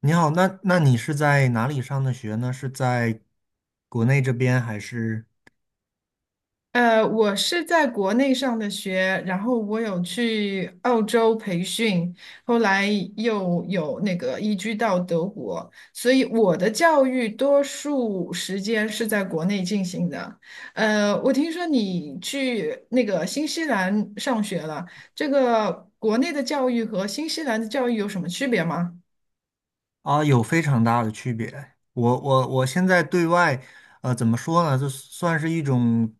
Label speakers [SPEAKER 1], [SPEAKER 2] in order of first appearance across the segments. [SPEAKER 1] 你好，那你是在哪里上的学呢？是在国内这边还是
[SPEAKER 2] 我是在国内上的学，然后我有去澳洲培训，后来又有那个移居到德国，所以我的教育多数时间是在国内进行的。我听说你去那个新西兰上学了，这个国内的教育和新西兰的教育有什么区别吗？
[SPEAKER 1] 啊？有非常大的区别。我现在对外，怎么说呢？这算是一种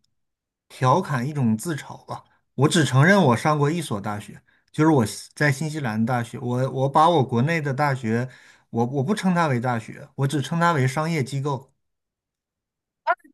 [SPEAKER 1] 调侃，一种自嘲吧。我只承认我上过一所大学，就是我西在新西兰大学。我把我国内的大学，我不称它为大学，我只称它为商业机构。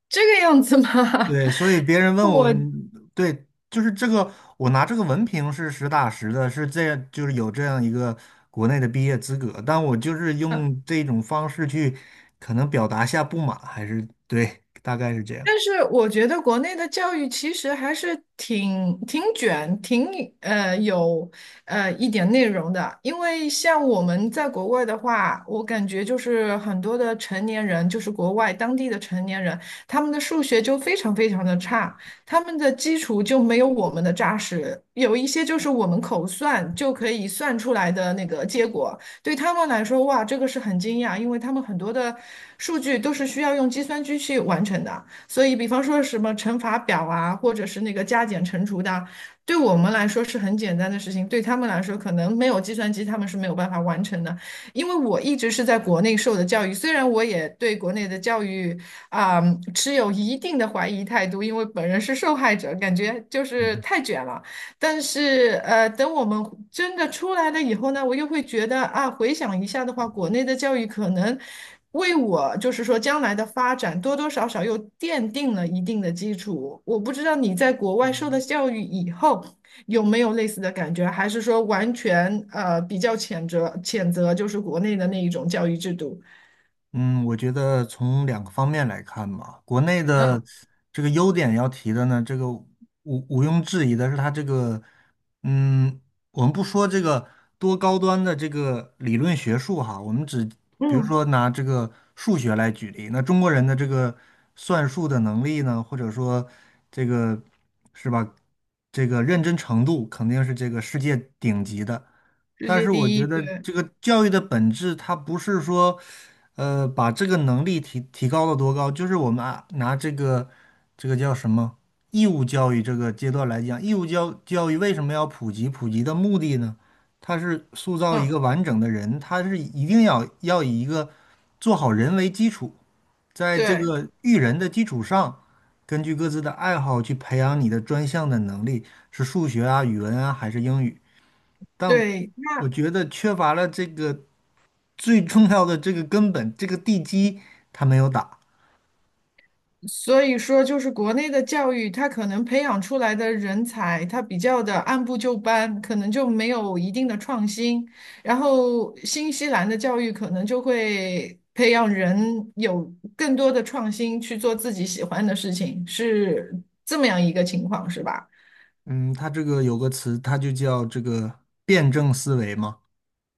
[SPEAKER 2] 这个样子吗？
[SPEAKER 1] 对，所以别人 问我，
[SPEAKER 2] 我。
[SPEAKER 1] 嗯，对，就是这个，我拿这个文凭是实打实的，是这样，就是有这样一个国内的毕业资格，但我就是用这种方式去，可能表达下不满，还是对，大概是这样。
[SPEAKER 2] 但是我觉得国内的教育其实还是挺卷、挺有一点内容的，因为像我们在国外的话，我感觉就是很多的成年人，就是国外当地的成年人，他们的数学就非常非常的差，他们的基础就没有我们的扎实，有一些就是我们口算就可以算出来的那个结果，对他们来说，哇，这个是很惊讶，因为他们很多的数据都是需要用计算机去完成的。所以，比方说什么乘法表啊，或者是那个加减乘除的啊，对我们来说是很简单的事情，对他们来说可能没有计算机，他们是没有办法完成的。因为我一直是在国内受的教育，虽然我也对国内的教育啊，持有一定的怀疑态度，因为本人是受害者，感觉就是
[SPEAKER 1] 嗯，
[SPEAKER 2] 太卷了。但是等我们真的出来了以后呢，我又会觉得啊，回想一下的话，国内的教育可能为我就是说将来的发展多多少少又奠定了一定的基础。我不知道你在国外受了
[SPEAKER 1] 嗯。
[SPEAKER 2] 教育以后有没有类似的感觉，还是说完全比较谴责谴责就是国内的那一种教育制度？
[SPEAKER 1] 嗯，我觉得从两个方面来看吧，国内嗯的
[SPEAKER 2] 嗯
[SPEAKER 1] 这个优点要提的呢，这个毋庸置疑的是它这个，嗯，我们不说这个多高端的这个理论学术哈，我们只比如
[SPEAKER 2] 嗯，
[SPEAKER 1] 说拿这个数学来举例，那中国人的这个算术的能力呢，或者说这个是吧，这个认真程度肯定是这个世界顶级的。
[SPEAKER 2] 世
[SPEAKER 1] 但
[SPEAKER 2] 界
[SPEAKER 1] 是我
[SPEAKER 2] 第一，
[SPEAKER 1] 觉得
[SPEAKER 2] 对，
[SPEAKER 1] 这个教育的本质，它不是说，呃，把这个能力提高到多高？就是我们啊，拿这个这个叫什么义务教育这个阶段来讲，义务教育为什么要普及？普及的目的呢，它是塑造一
[SPEAKER 2] 嗯
[SPEAKER 1] 个完整的人，它是一定要以一个做好人为基础，在这
[SPEAKER 2] 对
[SPEAKER 1] 个育人的基础上，根据各自的爱好去培养你的专项的能力，是数学啊、语文啊还是英语？但
[SPEAKER 2] 对。
[SPEAKER 1] 我觉得缺乏了这个。最重要的这个根本，这个地基他没有打。
[SPEAKER 2] 所以说，就是国内的教育，它可能培养出来的人才，它比较的按部就班，可能就没有一定的创新。然后，新西兰的教育可能就会培养人有更多的创新，去做自己喜欢的事情，是这么样一个情况，是吧？
[SPEAKER 1] 嗯，他这个有个词，它就叫这个辩证思维嘛。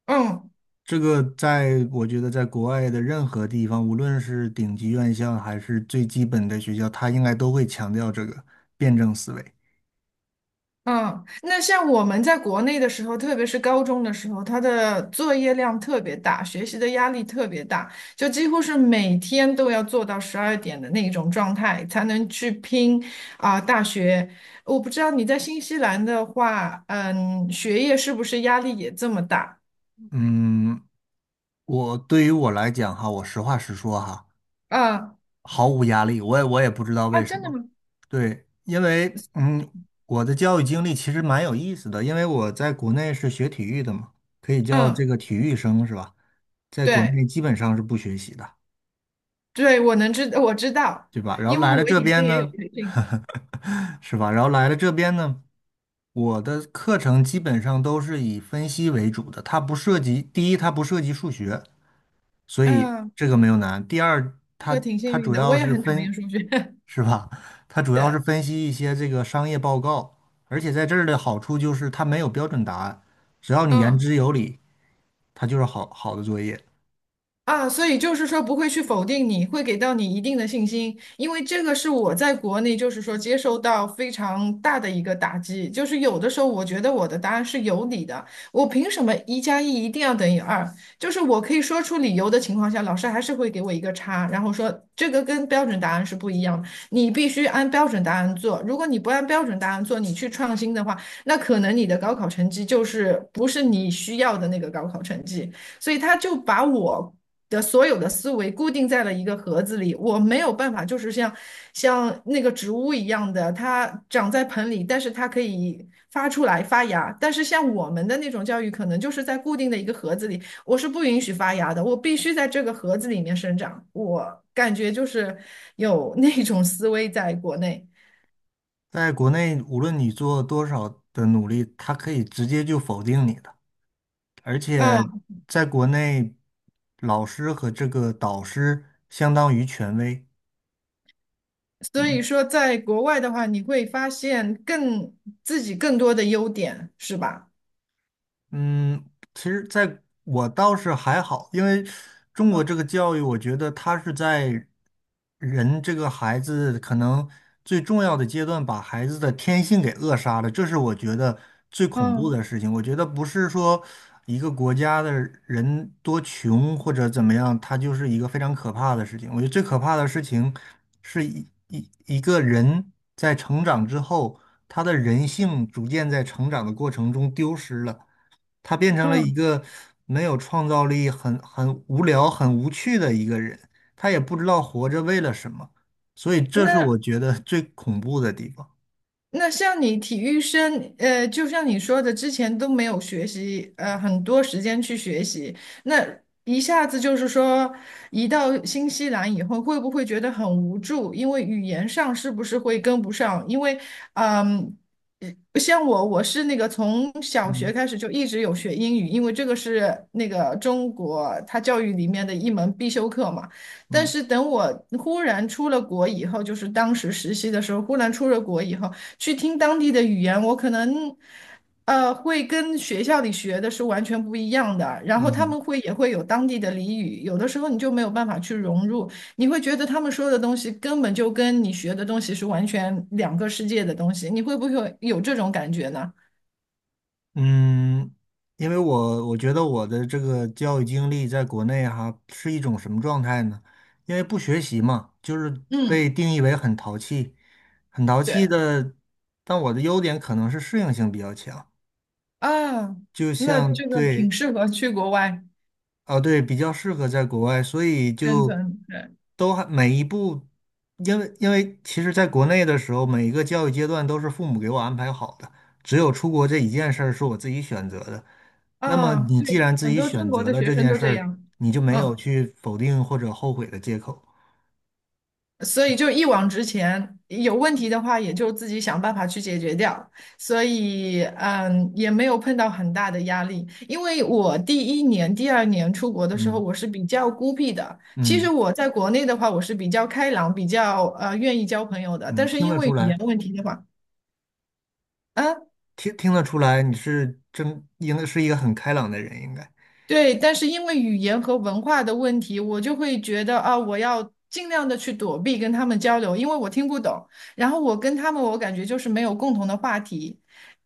[SPEAKER 2] 嗯。
[SPEAKER 1] 这个在我觉得在国外的任何地方，无论是顶级院校还是最基本的学校，它应该都会强调这个辩证思维。
[SPEAKER 2] 嗯，那像我们在国内的时候，特别是高中的时候，他的作业量特别大，学习的压力特别大，就几乎是每天都要做到12点的那种状态，才能去拼啊、大学。我不知道你在新西兰的话，嗯，学业是不是压力也这么大？
[SPEAKER 1] 嗯，我对于我来讲哈，我实话实说哈，
[SPEAKER 2] 嗯，
[SPEAKER 1] 毫无压力。我也不知道
[SPEAKER 2] 啊，
[SPEAKER 1] 为什
[SPEAKER 2] 真的
[SPEAKER 1] 么。
[SPEAKER 2] 吗？
[SPEAKER 1] 对，因为，嗯，我的教育经历其实蛮有意思的，因为我在国内是学体育的嘛，可以叫这
[SPEAKER 2] 嗯，
[SPEAKER 1] 个体育生是吧？在国
[SPEAKER 2] 对
[SPEAKER 1] 内基本上是不学习的，
[SPEAKER 2] 对，我知道，
[SPEAKER 1] 对吧？然后
[SPEAKER 2] 因为
[SPEAKER 1] 来
[SPEAKER 2] 我
[SPEAKER 1] 了这
[SPEAKER 2] 以前
[SPEAKER 1] 边
[SPEAKER 2] 也有
[SPEAKER 1] 呢，
[SPEAKER 2] 培训，
[SPEAKER 1] 是吧？然后来了这边呢，我的课程基本上都是以分析为主的，它不涉及，第一，它不涉及数学，所以
[SPEAKER 2] 嗯，
[SPEAKER 1] 这个没有难。第二，
[SPEAKER 2] 这个
[SPEAKER 1] 它
[SPEAKER 2] 挺幸
[SPEAKER 1] 它
[SPEAKER 2] 运
[SPEAKER 1] 主
[SPEAKER 2] 的，
[SPEAKER 1] 要
[SPEAKER 2] 我也
[SPEAKER 1] 是
[SPEAKER 2] 很讨
[SPEAKER 1] 分，
[SPEAKER 2] 厌数学，
[SPEAKER 1] 是吧？它 主要是
[SPEAKER 2] 对，
[SPEAKER 1] 分析一些这个商业报告，而且在这儿的好处就是它没有标准答案，只要你言
[SPEAKER 2] 嗯。
[SPEAKER 1] 之有理，它就是好好的作业。
[SPEAKER 2] 啊，所以就是说不会去否定你，会给到你一定的信心，因为这个是我在国内就是说接受到非常大的一个打击，就是有的时候我觉得我的答案是有理的，我凭什么一加一一定要等于二？就是我可以说出理由的情况下，老师还是会给我一个差，然后说这个跟标准答案是不一样的，你必须按标准答案做，如果你不按标准答案做，你去创新的话，那可能你的高考成绩就是不是你需要的那个高考成绩。所以他就把我的所有的思维固定在了一个盒子里，我没有办法，就是像那个植物一样的，它长在盆里，但是它可以发出来发芽。但是像我们的那种教育，可能就是在固定的一个盒子里，我是不允许发芽的，我必须在这个盒子里面生长。我感觉就是有那种思维在国内。
[SPEAKER 1] 在国内，无论你做多少的努力，它可以直接就否定你的。而且
[SPEAKER 2] 嗯，
[SPEAKER 1] 在国内，老师和这个导师相当于权威，
[SPEAKER 2] 所以
[SPEAKER 1] 嗯，
[SPEAKER 2] 说在国外的话，你会发现自己更多的优点，是吧？
[SPEAKER 1] 嗯，其实在我倒是还好，因为中国这个
[SPEAKER 2] 嗯
[SPEAKER 1] 教育，我觉得它是在人这个孩子可能最重要的阶段，把孩子的天性给扼杀了，这是我觉得最恐怖
[SPEAKER 2] 嗯。
[SPEAKER 1] 的事情。我觉得不是说一个国家的人多穷或者怎么样，它就是一个非常可怕的事情。我觉得最可怕的事情是一个人在成长之后，他的人性逐渐在成长的过程中丢失了。他变成了一
[SPEAKER 2] 嗯，
[SPEAKER 1] 个没有创造力、很无聊、很无趣的一个人，他也不知道活着为了什么，所以这是我
[SPEAKER 2] 那
[SPEAKER 1] 觉得最恐怖的地方。
[SPEAKER 2] 那像你体育生，就像你说的，之前都没有学习，很多时间去学习，那一下子就是说，移到新西兰以后，会不会觉得很无助？因为语言上是不是会跟不上？因为，嗯，呃像我，我是那个从小学
[SPEAKER 1] 嗯，
[SPEAKER 2] 开始就一直有学英语，因为这个是那个中国它教育里面的一门必修课嘛。但
[SPEAKER 1] 嗯，
[SPEAKER 2] 是等我忽然出了国以后，就是当时实习的时候，忽然出了国以后。去听当地的语言，我可能会跟学校里学的是完全不一样的。然后他
[SPEAKER 1] 嗯，
[SPEAKER 2] 们也会有当地的俚语，有的时候你就没有办法去融入，你会觉得他们说的东西根本就跟你学的东西是完全两个世界的东西。你会不会有这种感觉呢？
[SPEAKER 1] 嗯，因为我觉得我的这个教育经历在国内哈是一种什么状态呢？因为不学习嘛，就是被
[SPEAKER 2] 嗯，
[SPEAKER 1] 定义为很淘气，很淘气
[SPEAKER 2] 对
[SPEAKER 1] 的。但我的优点可能是适应性比较强，
[SPEAKER 2] 啊，
[SPEAKER 1] 就
[SPEAKER 2] 那
[SPEAKER 1] 像
[SPEAKER 2] 这个
[SPEAKER 1] 对
[SPEAKER 2] 挺适合去国外
[SPEAKER 1] 啊，对，比较适合在国外，所以
[SPEAKER 2] 生
[SPEAKER 1] 就
[SPEAKER 2] 存，对
[SPEAKER 1] 都还每一步，因为因为其实在国内的时候，每一个教育阶段都是父母给我安排好的，只有出国这一件事儿是我自己选择的。那么
[SPEAKER 2] 啊，
[SPEAKER 1] 你
[SPEAKER 2] 对，
[SPEAKER 1] 既然自
[SPEAKER 2] 很
[SPEAKER 1] 己
[SPEAKER 2] 多中
[SPEAKER 1] 选
[SPEAKER 2] 国
[SPEAKER 1] 择
[SPEAKER 2] 的
[SPEAKER 1] 了
[SPEAKER 2] 学
[SPEAKER 1] 这
[SPEAKER 2] 生
[SPEAKER 1] 件
[SPEAKER 2] 都
[SPEAKER 1] 事
[SPEAKER 2] 这
[SPEAKER 1] 儿，
[SPEAKER 2] 样，
[SPEAKER 1] 你就没有
[SPEAKER 2] 嗯。
[SPEAKER 1] 去否定或者后悔的借口。
[SPEAKER 2] 所以就一往直前，有问题的话也就自己想办法去解决掉。所以，也没有碰到很大的压力。因为我第一年、第二年出国的时候，
[SPEAKER 1] 嗯，
[SPEAKER 2] 我是比较孤僻的。其实
[SPEAKER 1] 嗯，
[SPEAKER 2] 我在国内的话，我是比较开朗，比较愿意交朋友的。但
[SPEAKER 1] 嗯，
[SPEAKER 2] 是
[SPEAKER 1] 听
[SPEAKER 2] 因
[SPEAKER 1] 得
[SPEAKER 2] 为
[SPEAKER 1] 出
[SPEAKER 2] 语言
[SPEAKER 1] 来，
[SPEAKER 2] 问题的话，啊。
[SPEAKER 1] 听得出来，你是真应该是一个很开朗的人，应该。
[SPEAKER 2] 对，但是因为语言和文化的问题，我就会觉得啊，我要尽量的去躲避跟他们交流，因为我听不懂。然后我跟他们，我感觉就是没有共同的话题。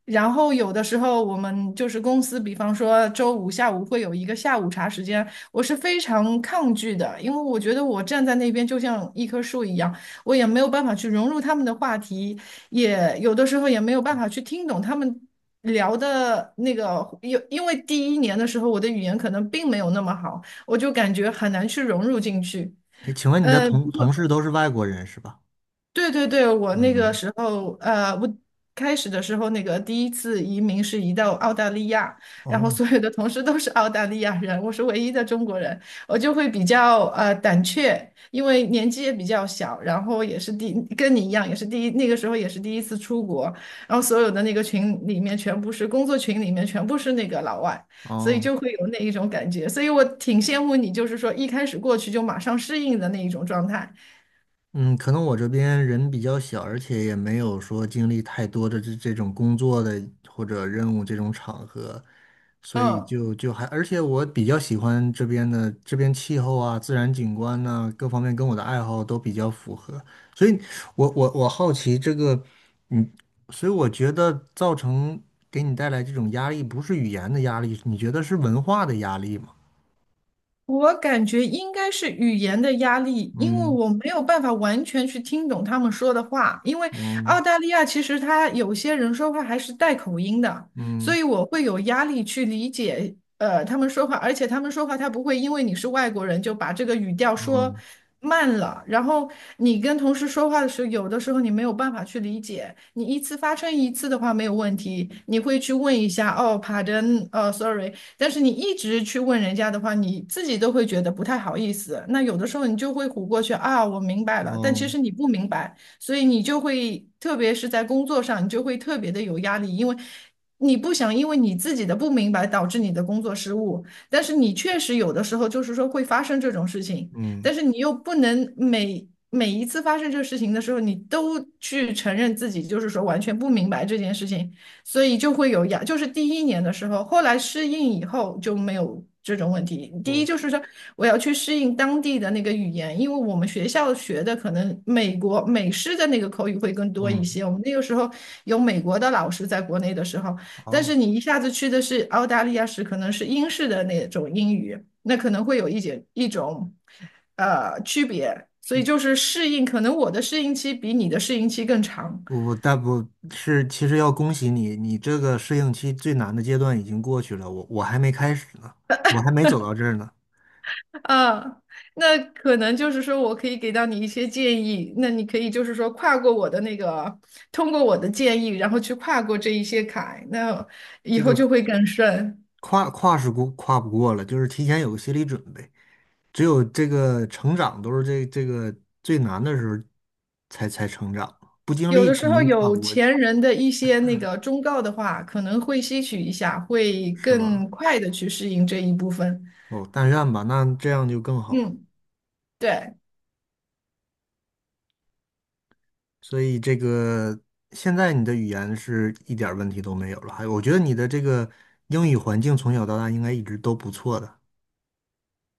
[SPEAKER 2] 然后有的时候我们就是公司，比方说周五下午会有一个下午茶时间，我是非常抗拒的，因为我觉得我站在那边就像一棵树一样，我也没有办法去融入他们的话题，也有的时候也没有办法去听懂他们。聊的那个，因为第一年的时候我的语言可能并没有那么好，我就感觉很难去融入进去。
[SPEAKER 1] 哎，请问你的
[SPEAKER 2] 呃
[SPEAKER 1] 同事都是外国人是吧？
[SPEAKER 2] 对对对，我那个
[SPEAKER 1] 嗯，
[SPEAKER 2] 时候，我开始的时候，那个第一次移民是移到澳大利亚，然后
[SPEAKER 1] 哦，
[SPEAKER 2] 所有的同事都是澳大利亚人，我是唯一的中国人，我就会比较胆怯，因为年纪也比较小，然后也是跟你一样，也是那个时候也是第一次出国，然后所有的那个群里面全部是工作群里面全部是那个老外，所以
[SPEAKER 1] 哦。
[SPEAKER 2] 就会有那一种感觉，所以我挺羡慕你，就是说一开始过去就马上适应的那一种状态，
[SPEAKER 1] 嗯，可能我这边人比较小，而且也没有说经历太多的这种工作的或者任务这种场合，所以
[SPEAKER 2] 嗯。
[SPEAKER 1] 就就还，而且我比较喜欢这边的这边气候啊、自然景观呐、各方面跟我的爱好都比较符合，所以我好奇这个，嗯，所以我觉得造成给你带来这种压力，不是语言的压力，你觉得是文化的压力吗？
[SPEAKER 2] 我感觉应该是语言的压力，因为
[SPEAKER 1] 嗯，
[SPEAKER 2] 我没有办法完全去听懂他们说的话。因为
[SPEAKER 1] 嗯，
[SPEAKER 2] 澳大利亚其实他有些人说话还是带口音的，所
[SPEAKER 1] 嗯，
[SPEAKER 2] 以我会有压力去理解他们说话，而且他们说话他不会因为你是外国人就把这个语调说
[SPEAKER 1] 嗯，
[SPEAKER 2] 慢了，然后你跟同事说话的时候，有的时候你没有办法去理解。你一次发生一次的话没有问题，你会去问一下哦，pardon，sorry。但是你一直去问人家的话，你自己都会觉得不太好意思。那有的时候你就会唬过去啊，我明白了，但其
[SPEAKER 1] 嗯，
[SPEAKER 2] 实你不明白，所以你就会，特别是在工作上，你就会特别的有压力，因为你不想因为你自己的不明白导致你的工作失误，但是你确实有的时候就是说会发生这种事情，
[SPEAKER 1] 嗯。
[SPEAKER 2] 但是你又不能。每一次发生这个事情的时候，你都去承认自己就是说完全不明白这件事情，所以就会就是第一年的时候，后来适应以后就没有这种问题。第一
[SPEAKER 1] 嗯，
[SPEAKER 2] 就是说，我要去适应当地的那个语言，因为我们学校学的可能美式的那个口语会更多一
[SPEAKER 1] 嗯，
[SPEAKER 2] 些。我们那个时候有美国的老师在国内的时候，但
[SPEAKER 1] 好，
[SPEAKER 2] 是你一下子去的是澳大利亚时，可能是英式的那种英语，那可能会有一种区别。所
[SPEAKER 1] 皮
[SPEAKER 2] 以就是适应，可能我的适应期比你的适应期更长。
[SPEAKER 1] 我但不是，其实要恭喜你，你这个适应期最难的阶段已经过去了，我还没开始呢，我还没走到这儿呢，
[SPEAKER 2] 啊，那可能就是说我可以给到你一些建议，那你可以就是说跨过我的那个，通过我的建议，然后去跨过这一些坎，那以
[SPEAKER 1] 这
[SPEAKER 2] 后
[SPEAKER 1] 个
[SPEAKER 2] 就会更顺。
[SPEAKER 1] 跨是过跨不过了，就是提前有个心理准备，只有这个成长都是这个最难的时候才成长，不经
[SPEAKER 2] 有
[SPEAKER 1] 历
[SPEAKER 2] 的时
[SPEAKER 1] 肯
[SPEAKER 2] 候
[SPEAKER 1] 定跨
[SPEAKER 2] 有
[SPEAKER 1] 不过去，
[SPEAKER 2] 钱人的一些那个忠告的话，可能会吸取一下，会
[SPEAKER 1] 是吧？
[SPEAKER 2] 更快的去适应这一部分。
[SPEAKER 1] 哦，但愿吧，那这样就更好了。
[SPEAKER 2] 嗯，对。
[SPEAKER 1] 所以这个现在你的语言是一点儿问题都没有了，还有我觉得你的这个英语环境从小到大应该一直都不错的。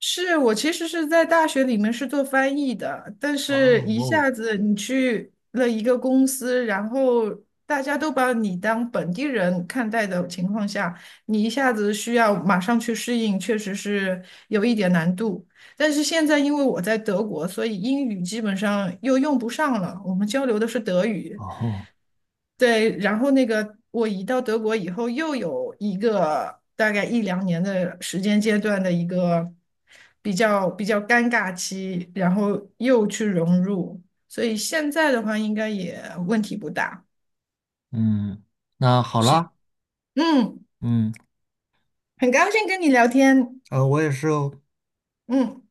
[SPEAKER 2] 是我其实是在大学里面是做翻译的，但
[SPEAKER 1] 哦，
[SPEAKER 2] 是一
[SPEAKER 1] 哦，
[SPEAKER 2] 下子你去了一个公司，然后大家都把你当本地人看待的情况下，你一下子需要马上去适应，确实是有一点难度。但是现在因为我在德国，所以英语基本上又用不上了，我们交流的是德语。
[SPEAKER 1] 哦，
[SPEAKER 2] 对，然后那个我移到德国以后，又有一个大概一两年的时间阶段的一个比较尴尬期，然后又去融入，所以现在的话应该也问题不大。
[SPEAKER 1] 嗯，那好
[SPEAKER 2] 是，
[SPEAKER 1] 啦，
[SPEAKER 2] 嗯，
[SPEAKER 1] 嗯，
[SPEAKER 2] 很高兴跟你聊天。
[SPEAKER 1] 我也是哦，
[SPEAKER 2] 嗯。